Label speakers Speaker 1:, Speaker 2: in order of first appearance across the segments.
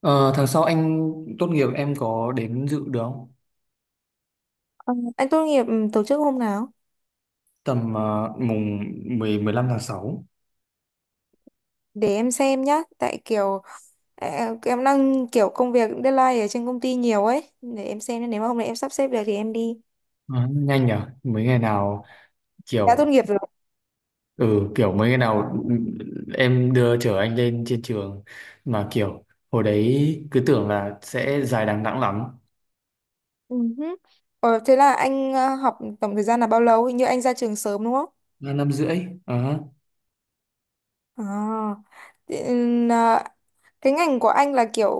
Speaker 1: Ờ, Tháng sau anh tốt nghiệp em có đến dự được không?
Speaker 2: Ờ, anh tốt nghiệp tổ chức hôm nào?
Speaker 1: Tầm mùng 10 15 tháng 6.
Speaker 2: Để em xem nhá, tại ờ, em đang kiểu công việc deadline ở trên công ty nhiều ấy, để em xem nếu mà hôm nay em sắp xếp được thì em đi.
Speaker 1: Ờ, nhanh nhở? Mấy ngày nào
Speaker 2: Đã tốt
Speaker 1: kiểu
Speaker 2: nghiệp rồi.
Speaker 1: ừ kiểu mấy ngày nào em đưa chở anh lên trên trường, mà kiểu hồi đấy cứ tưởng là sẽ dài đằng đẵng lắm.
Speaker 2: Ừ hứ. Thế là anh học tổng thời gian là bao lâu? Hình như anh ra trường sớm đúng không?
Speaker 1: Là năm rưỡi. Ờ.
Speaker 2: À, thế, cái ngành của anh là kiểu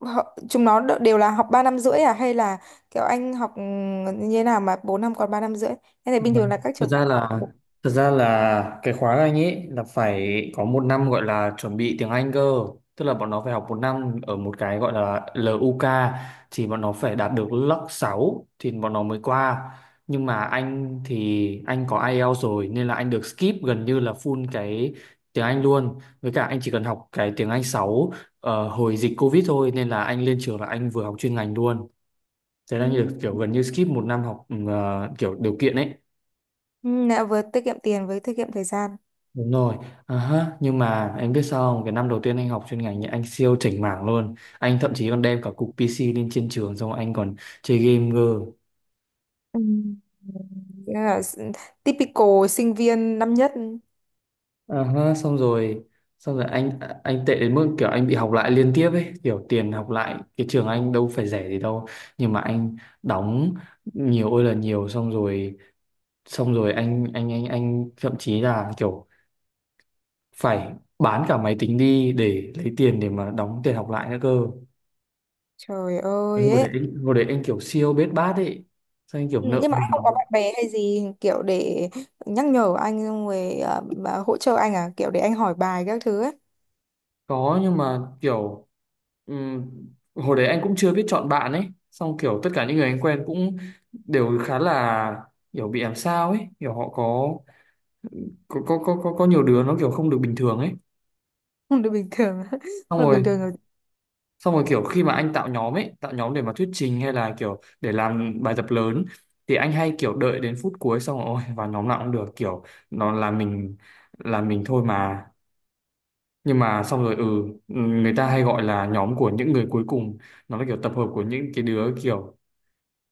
Speaker 2: họ- chúng nó đ- đều là học 3 năm rưỡi à hay là kiểu anh học như thế nào mà 4 năm còn 3 năm rưỡi? Thế này bình thường
Speaker 1: Vâng.
Speaker 2: là các
Speaker 1: Thực
Speaker 2: trường khác
Speaker 1: ra
Speaker 2: học.
Speaker 1: là thực ra là cái khóa Anh ấy là phải có một năm gọi là chuẩn bị tiếng Anh cơ, tức là bọn nó phải học một năm ở một cái gọi là LUK, thì bọn nó phải đạt được lớp 6 thì bọn nó mới qua. Nhưng mà anh thì anh có IELTS rồi nên là anh được skip gần như là full cái tiếng Anh luôn, với cả anh chỉ cần học cái tiếng Anh 6 hồi dịch Covid thôi, nên là anh lên trường là anh vừa học chuyên ngành luôn. Thế
Speaker 2: Ừ.
Speaker 1: là như kiểu gần như skip một năm học, kiểu điều kiện ấy.
Speaker 2: Ừ, đã vừa tiết kiệm tiền với tiết kiệm thời gian.
Speaker 1: Đúng rồi. À ha, nhưng mà em biết sao không? Cái năm đầu tiên anh học chuyên ngành nhé, anh siêu chảnh mảng luôn. Anh thậm chí còn đem cả cục PC lên trên trường xong anh còn chơi game cơ.
Speaker 2: Ừ. Nghĩa là s- Typical sinh viên năm nhất.
Speaker 1: À ha, xong rồi, xong rồi anh anh tệ đến mức kiểu anh bị học lại liên tiếp ấy, kiểu tiền học lại cái trường anh đâu phải rẻ gì đâu, nhưng mà anh đóng nhiều ơi là nhiều. Xong rồi anh thậm chí là kiểu phải bán cả máy tính đi để lấy tiền để mà đóng tiền học lại nữa cơ.
Speaker 2: Trời ơi ấy.
Speaker 1: Hồi đấy anh kiểu siêu bết bát ấy, sao anh kiểu
Speaker 2: Ừ,
Speaker 1: nợ
Speaker 2: nhưng mà anh không có
Speaker 1: nần.
Speaker 2: bạn bè hay gì kiểu để nhắc nhở anh xong rồi à, bà hỗ trợ anh à kiểu để anh hỏi bài các thứ ấy.
Speaker 1: Có, nhưng mà kiểu ừm, hồi đấy anh cũng chưa biết chọn bạn ấy, xong kiểu tất cả những người anh quen cũng đều khá là kiểu bị làm sao ấy, kiểu họ có, có nhiều đứa nó kiểu không được bình thường ấy.
Speaker 2: Không được bình thường không
Speaker 1: xong
Speaker 2: được bình
Speaker 1: rồi
Speaker 2: thường rồi.
Speaker 1: xong rồi kiểu khi mà anh tạo nhóm ấy, tạo nhóm để mà thuyết trình hay là kiểu để làm bài tập lớn, thì anh hay kiểu đợi đến phút cuối, xong rồi ôi vào nhóm nào cũng được, kiểu nó là mình, là mình thôi mà. Nhưng mà xong rồi, người ta hay gọi là nhóm của những người cuối cùng, nó là kiểu tập hợp của những cái đứa kiểu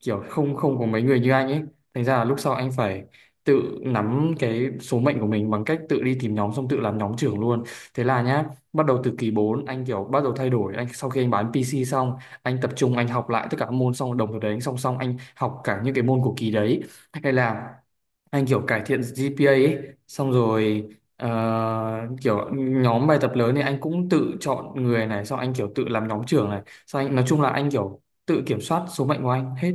Speaker 1: kiểu không không có mấy người như anh ấy. Thành ra là lúc sau anh phải tự nắm cái số mệnh của mình bằng cách tự đi tìm nhóm, xong tự làm nhóm trưởng luôn. Thế là nhá, bắt đầu từ kỳ 4 anh kiểu bắt đầu thay đổi, anh sau khi anh bán PC xong, anh tập trung anh học lại tất cả các môn, xong đồng thời đấy anh song song anh học cả những cái môn của kỳ đấy, hay là anh kiểu cải thiện GPA ấy, xong rồi. ờ, Kiểu nhóm bài tập lớn thì anh cũng tự chọn người này, xong anh kiểu tự làm nhóm trưởng này, xong anh nói chung là anh kiểu tự kiểm soát số mệnh của anh hết.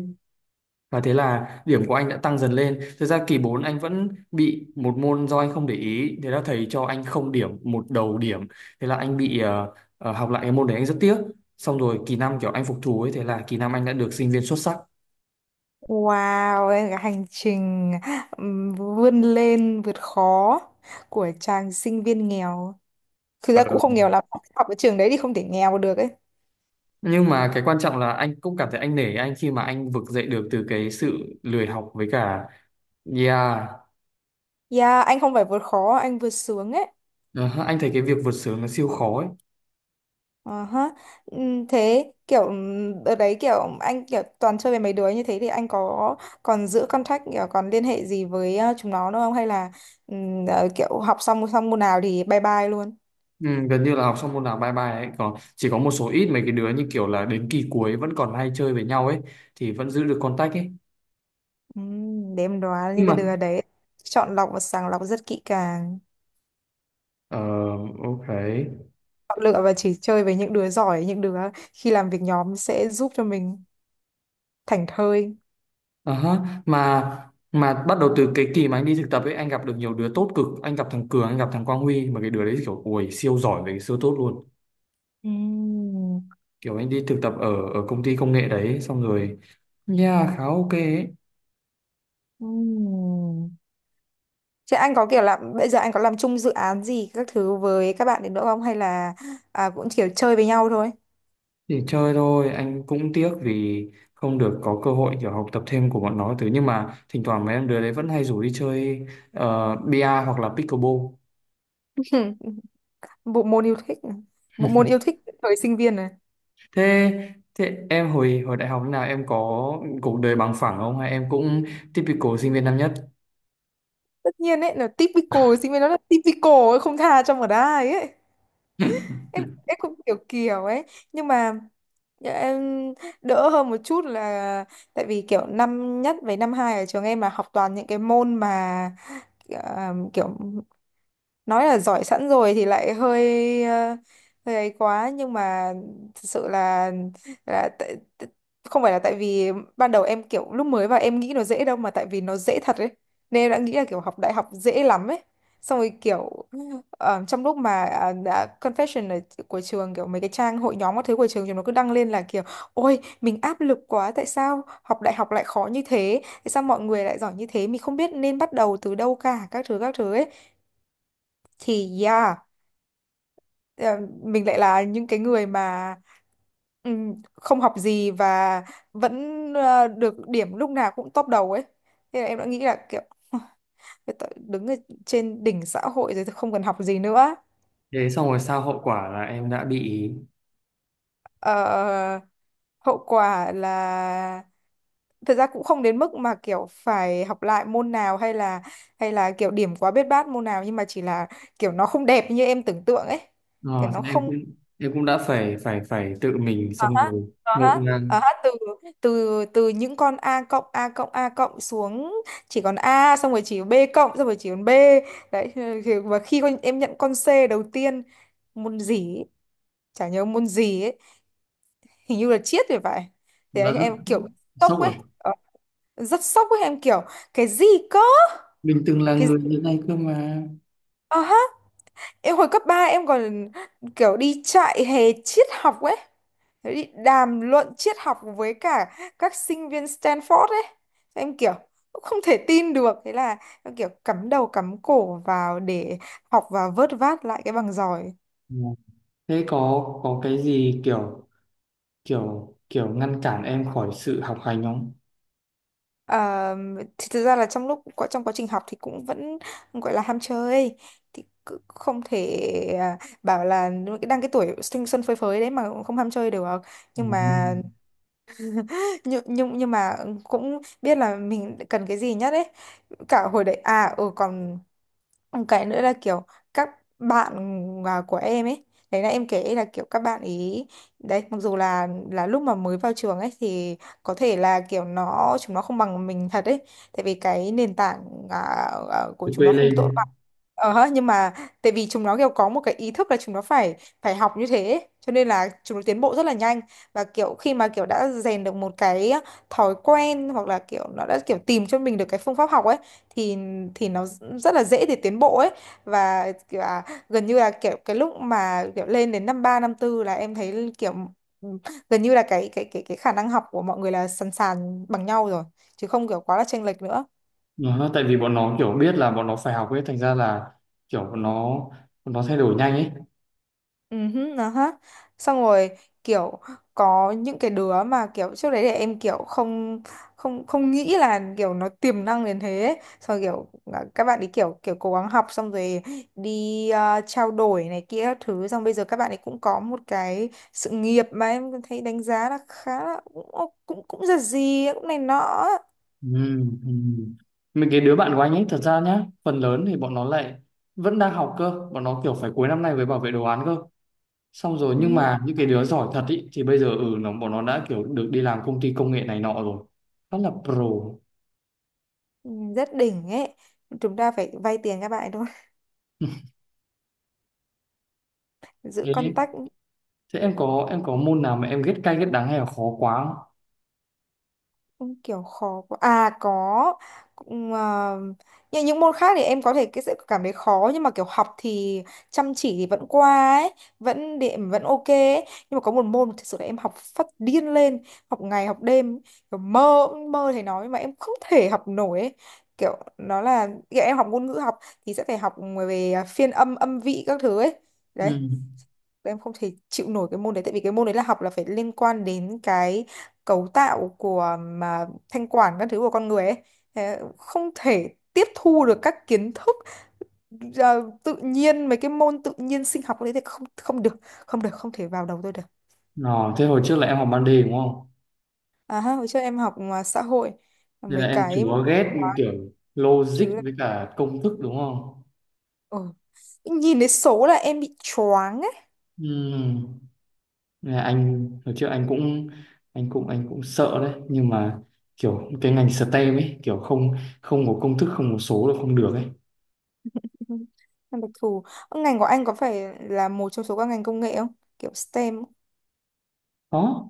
Speaker 1: Và thế là điểm của anh đã tăng dần lên. Thực ra kỳ 4 anh vẫn bị một môn do anh không để ý. Thế là thầy cho anh không điểm, một đầu điểm. Thế là anh bị học lại cái môn đấy, anh rất tiếc. Xong rồi kỳ 5 kiểu anh phục thù ấy. Thế là kỳ 5 anh đã được sinh viên xuất sắc.
Speaker 2: Wow, ấy là cái hành trình vươn lên vượt khó của chàng sinh viên nghèo, thực
Speaker 1: Ờ.
Speaker 2: ra cũng không nghèo lắm, học ở trường đấy thì không thể nghèo được ấy.
Speaker 1: Nhưng mà cái quan trọng là anh cũng cảm thấy anh nể anh khi mà anh vực dậy được từ cái sự lười học với cả. Yeah.
Speaker 2: Yeah, anh không phải vượt khó, anh vượt sướng ấy.
Speaker 1: Ờ, anh thấy cái việc vượt sướng nó siêu khó ấy.
Speaker 2: Ờ ha. Thế kiểu đợt đấy kiểu anh kiểu toàn chơi với mấy đứa như thế thì anh có còn giữ contact kiểu còn liên hệ gì với chúng nó nữa không hay là kiểu học xong xong môn nào thì bye bye luôn.
Speaker 1: Ừ, gần như là học xong môn nào bye bye ấy, còn chỉ có một số ít mấy cái đứa như kiểu là đến kỳ cuối vẫn còn hay chơi với nhau ấy thì vẫn giữ được contact ấy,
Speaker 2: Để em đoán
Speaker 1: nhưng
Speaker 2: những
Speaker 1: mà
Speaker 2: cái đứa đấy chọn lọc và sàng lọc rất kỹ càng.
Speaker 1: ờ ok.
Speaker 2: Chọn lựa và chỉ chơi với những đứa giỏi, những đứa khi làm việc nhóm sẽ giúp cho mình thảnh thơi.
Speaker 1: Ờ ha. Mà bắt đầu từ cái kỳ mà anh đi thực tập ấy, anh gặp được nhiều đứa tốt cực, anh gặp thằng Cường, anh gặp thằng Quang Huy, mà cái đứa đấy kiểu ui siêu giỏi về, siêu tốt luôn.
Speaker 2: Ừm,
Speaker 1: Kiểu anh đi thực tập ở ở công ty công nghệ đấy xong rồi, yeah, khá ok ấy.
Speaker 2: ừm. Thế anh có kiểu là bây giờ anh có làm chung dự án gì các thứ với các bạn đến nữa không hay là cũng kiểu chơi với nhau thôi?
Speaker 1: Thì chơi thôi, anh cũng tiếc vì không được có cơ hội kiểu học tập thêm của bọn nó thứ, nhưng mà thỉnh thoảng mấy em đứa đấy vẫn hay rủ đi chơi, bia hoặc là pickleball.
Speaker 2: Bộ môn yêu thích, này. Bộ môn yêu thích thời sinh viên này.
Speaker 1: Thế, em hồi hồi đại học thế nào, em có cuộc đời bằng phẳng không hay em cũng typical sinh viên năm nhất?
Speaker 2: Tất nhiên ấy là typical sinh viên, nó là typical ấy, không tha cho một ai ấy. Em em cũng kiểu kiểu ấy, nhưng mà em đỡ hơn một chút là tại vì kiểu năm nhất với năm hai ở trường em là học toàn những cái môn mà kiểu nói là giỏi sẵn rồi thì lại hơi ấy quá, nhưng mà thực sự là tại, tại- không phải là tại vì ban đầu em kiểu lúc mới vào em nghĩ nó dễ đâu mà tại vì nó dễ thật ấy, nên em đã nghĩ là kiểu học đại học dễ lắm ấy, xong rồi kiểu trong lúc mà đã confession ở của trường, kiểu mấy cái trang hội nhóm các thứ của trường chúng nó cứ đăng lên là kiểu ôi mình áp lực quá, tại sao học đại học lại khó như thế, tại sao mọi người lại giỏi như thế, mình không biết nên bắt đầu từ đâu cả, các thứ ấy, thì yeah, ờ, mình lại là những cái người mà không học gì và vẫn được điểm lúc nào cũng top đầu ấy, thế là em đã nghĩ là kiểu "Thôi tao đứng ở trên đỉnh xã hội rồi, tôi không cần học gì nữa".
Speaker 1: Thế xong rồi sao, hậu quả là em đã bị.
Speaker 2: Ờ, hậu quả là thật ra cũng không đến mức mà kiểu phải học lại môn nào hay là kiểu điểm quá biết bát môn nào, nhưng mà chỉ là kiểu nó không đẹp như em tưởng tượng ấy, kiểu
Speaker 1: Ờ,
Speaker 2: nó
Speaker 1: Thế em
Speaker 2: không.
Speaker 1: cũng, đã phải phải phải tự mình xong rồi
Speaker 2: Ờ
Speaker 1: ngộ
Speaker 2: hết
Speaker 1: ngang.
Speaker 2: Ờ hết từ từ từ những con A cộng A cộng A cộng xuống chỉ còn A, xong rồi chỉ B cộng, xong rồi chỉ còn B. Đấy và khi con em nhận con C đầu tiên, môn gì ấy, chả nhớ môn gì ấy, hình như là triết thì phải, thì
Speaker 1: Đã
Speaker 2: đấy,
Speaker 1: rất
Speaker 2: em kiểu
Speaker 1: sốc
Speaker 2: sốc ấy.
Speaker 1: rồi.
Speaker 2: Ờ, rất sốc ấy, em kiểu cái gì cơ,
Speaker 1: Mình từng là
Speaker 2: cái
Speaker 1: người
Speaker 2: gì?
Speaker 1: như này cơ mà.
Speaker 2: Ờ ha, em hồi cấp 3 em còn kiểu đi chạy hè triết học ấy, thế thì đàm luận triết học với cả các sinh viên Stanford ấy, em kiểu cũng không thể tin được, thế là em kiểu cắm đầu cắm cổ vào để học và vớt vát lại cái bằng giỏi.
Speaker 1: Ờ. Thế có, cái gì kiểu kiểu kiểu ngăn cản em khỏi sự học hành không?
Speaker 2: Ờ, thì thực ra là trong quá trình học thì cũng vẫn gọi là ham chơi, thì cứ không thể bảo là đang cái tuổi thanh xuân phơi phới đấy mà cũng không ham chơi được, nhưng
Speaker 1: Nó.
Speaker 2: mà nhưng mà cũng biết là mình cần cái gì nhất ấy, cả hồi đấy à ừ còn. Một cái nữa là kiểu các bạn của em ấy, đấy là em kể là kiểu các bạn ý đấy, mặc dù là lúc mà mới vào trường ấy thì có thể là kiểu chúng nó không bằng mình thật ấy, tại vì cái nền tảng à, của
Speaker 1: Phải
Speaker 2: chúng nó
Speaker 1: quê
Speaker 2: không tốt
Speaker 1: lên.
Speaker 2: bằng. Ờ, nhưng mà tại vì chúng nó kiểu có một cái ý thức là chúng nó phải phải học như thế ấy, cho nên là chúng nó tiến bộ rất là nhanh, và kiểu khi mà kiểu đã rèn được một cái thói quen hoặc là kiểu nó đã kiểu tìm cho mình được cái phương pháp học ấy thì nó rất là dễ để tiến bộ ấy, và kiểu gần như là kiểu cái lúc mà kiểu lên đến năm ba năm tư là em thấy kiểu ừ, gần như là cái khả năng học của mọi người là sàn sàn bằng nhau rồi, chứ không kiểu quá là chênh lệch nữa.
Speaker 1: Nó, tại vì bọn nó kiểu biết là bọn nó phải học ấy, thành ra là kiểu bọn nó thay đổi nhanh ấy.
Speaker 2: Ừ hứ, nó hết, xong rồi kiểu có những cái đứa mà kiểu trước đấy để em kiểu không không không nghĩ là kiểu nó tiềm năng đến thế ấy. Xong rồi kiểu các bạn ấy kiểu kiểu cố gắng học xong rồi đi trao đổi này kia các thứ, xong bây giờ các bạn ấy cũng có một cái sự nghiệp mà em thấy đánh giá là khá là cũng cũng cũng giật gì ấy, cũng này nọ ấy.
Speaker 1: Ừ, ừ. Mấy cái đứa bạn của anh ấy thật ra nhá, phần lớn thì bọn nó lại vẫn đang học cơ, bọn nó kiểu phải cuối năm nay mới bảo vệ đồ án cơ. Xong rồi nhưng
Speaker 2: Ừ,
Speaker 1: mà những cái đứa giỏi thật ý, thì bây giờ ừ nó bọn nó đã kiểu được đi làm công ty công nghệ này nọ rồi. Rất là pro.
Speaker 2: rất đỉnh ấy, chúng ta phải vay tiền các bạn ấy thôi, giữ
Speaker 1: Thế
Speaker 2: contact.
Speaker 1: Thế em có, môn nào mà em ghét cay ghét đắng hay là khó quá không?
Speaker 2: Không kiểu khó quá. À có cũng, như những môn khác thì em có thể cái sẽ cảm thấy khó, nhưng mà kiểu học thì chăm chỉ thì vẫn qua ấy, vẫn điểm vẫn ok ấy. Nhưng mà có một môn thực sự là em học phát điên lên, học ngày học đêm, kiểu mơ mơ thầy nói mà em không thể học nổi ấy. Kiểu nó là kiểu em học ngôn ngữ học thì sẽ phải học về phiên âm âm vị các thứ ấy. Đấy,
Speaker 1: Ừ.
Speaker 2: em không thể chịu nổi cái môn đấy, tại vì cái môn đấy là học là phải liên quan đến cái cấu tạo của mà thanh quản các thứ của con người ấy. Thế không thể tiếp thu được các kiến thức ờ, tự nhiên, mấy cái môn tự nhiên sinh học đấy thì không không được, không thể vào đầu tôi được.
Speaker 1: Nó, thế hồi trước là em học ban đề đúng không?
Speaker 2: À ha, hồi trước em học mà xã hội
Speaker 1: Nên là
Speaker 2: mấy
Speaker 1: em
Speaker 2: cái
Speaker 1: chúa ghét
Speaker 2: quá
Speaker 1: kiểu logic
Speaker 2: thứ là
Speaker 1: với cả công thức đúng không?
Speaker 2: ừ, nhìn thấy số là em bị choáng ấy.
Speaker 1: Ừ. Nên là anh hồi trước anh cũng sợ đấy, nhưng mà kiểu cái ngành STEM ấy kiểu không không có công thức, không có số là không được ấy.
Speaker 2: Ừ. Em đặc thù. Ờ, ngành của anh có phải là một trong số các ngành công nghệ không, kiểu STEM?
Speaker 1: Đó,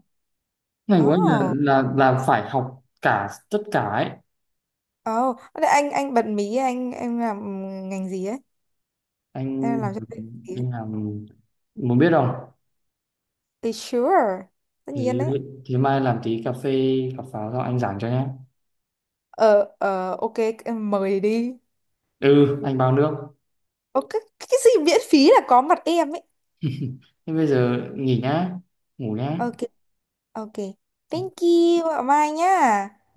Speaker 1: ngành
Speaker 2: Ồ,
Speaker 1: của anh
Speaker 2: oh.
Speaker 1: là phải học cả tất cả ấy.
Speaker 2: Anh bật mí anh em làm ngành gì ấy. Thế là
Speaker 1: Anh
Speaker 2: làm cho tôi tí ấy.
Speaker 1: anh muốn biết không?
Speaker 2: Thì sure, tất
Speaker 1: Thế,
Speaker 2: nhiên đấy.
Speaker 1: mai làm tí cà phê, cà pháo xong anh giảng cho nhé.
Speaker 2: Ờ ok, em mời đi.
Speaker 1: Ừ, anh bao nước.
Speaker 2: Ok, cái gì miễn phí là có mặt em ấy.
Speaker 1: Thế bây giờ nghỉ nhá, ngủ nhá.
Speaker 2: Ok. Ok, thank you ạ, mai nhá,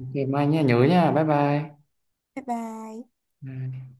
Speaker 1: Ok, mai nhá, nhớ nhá, bye bye.
Speaker 2: bye bye.
Speaker 1: Bye.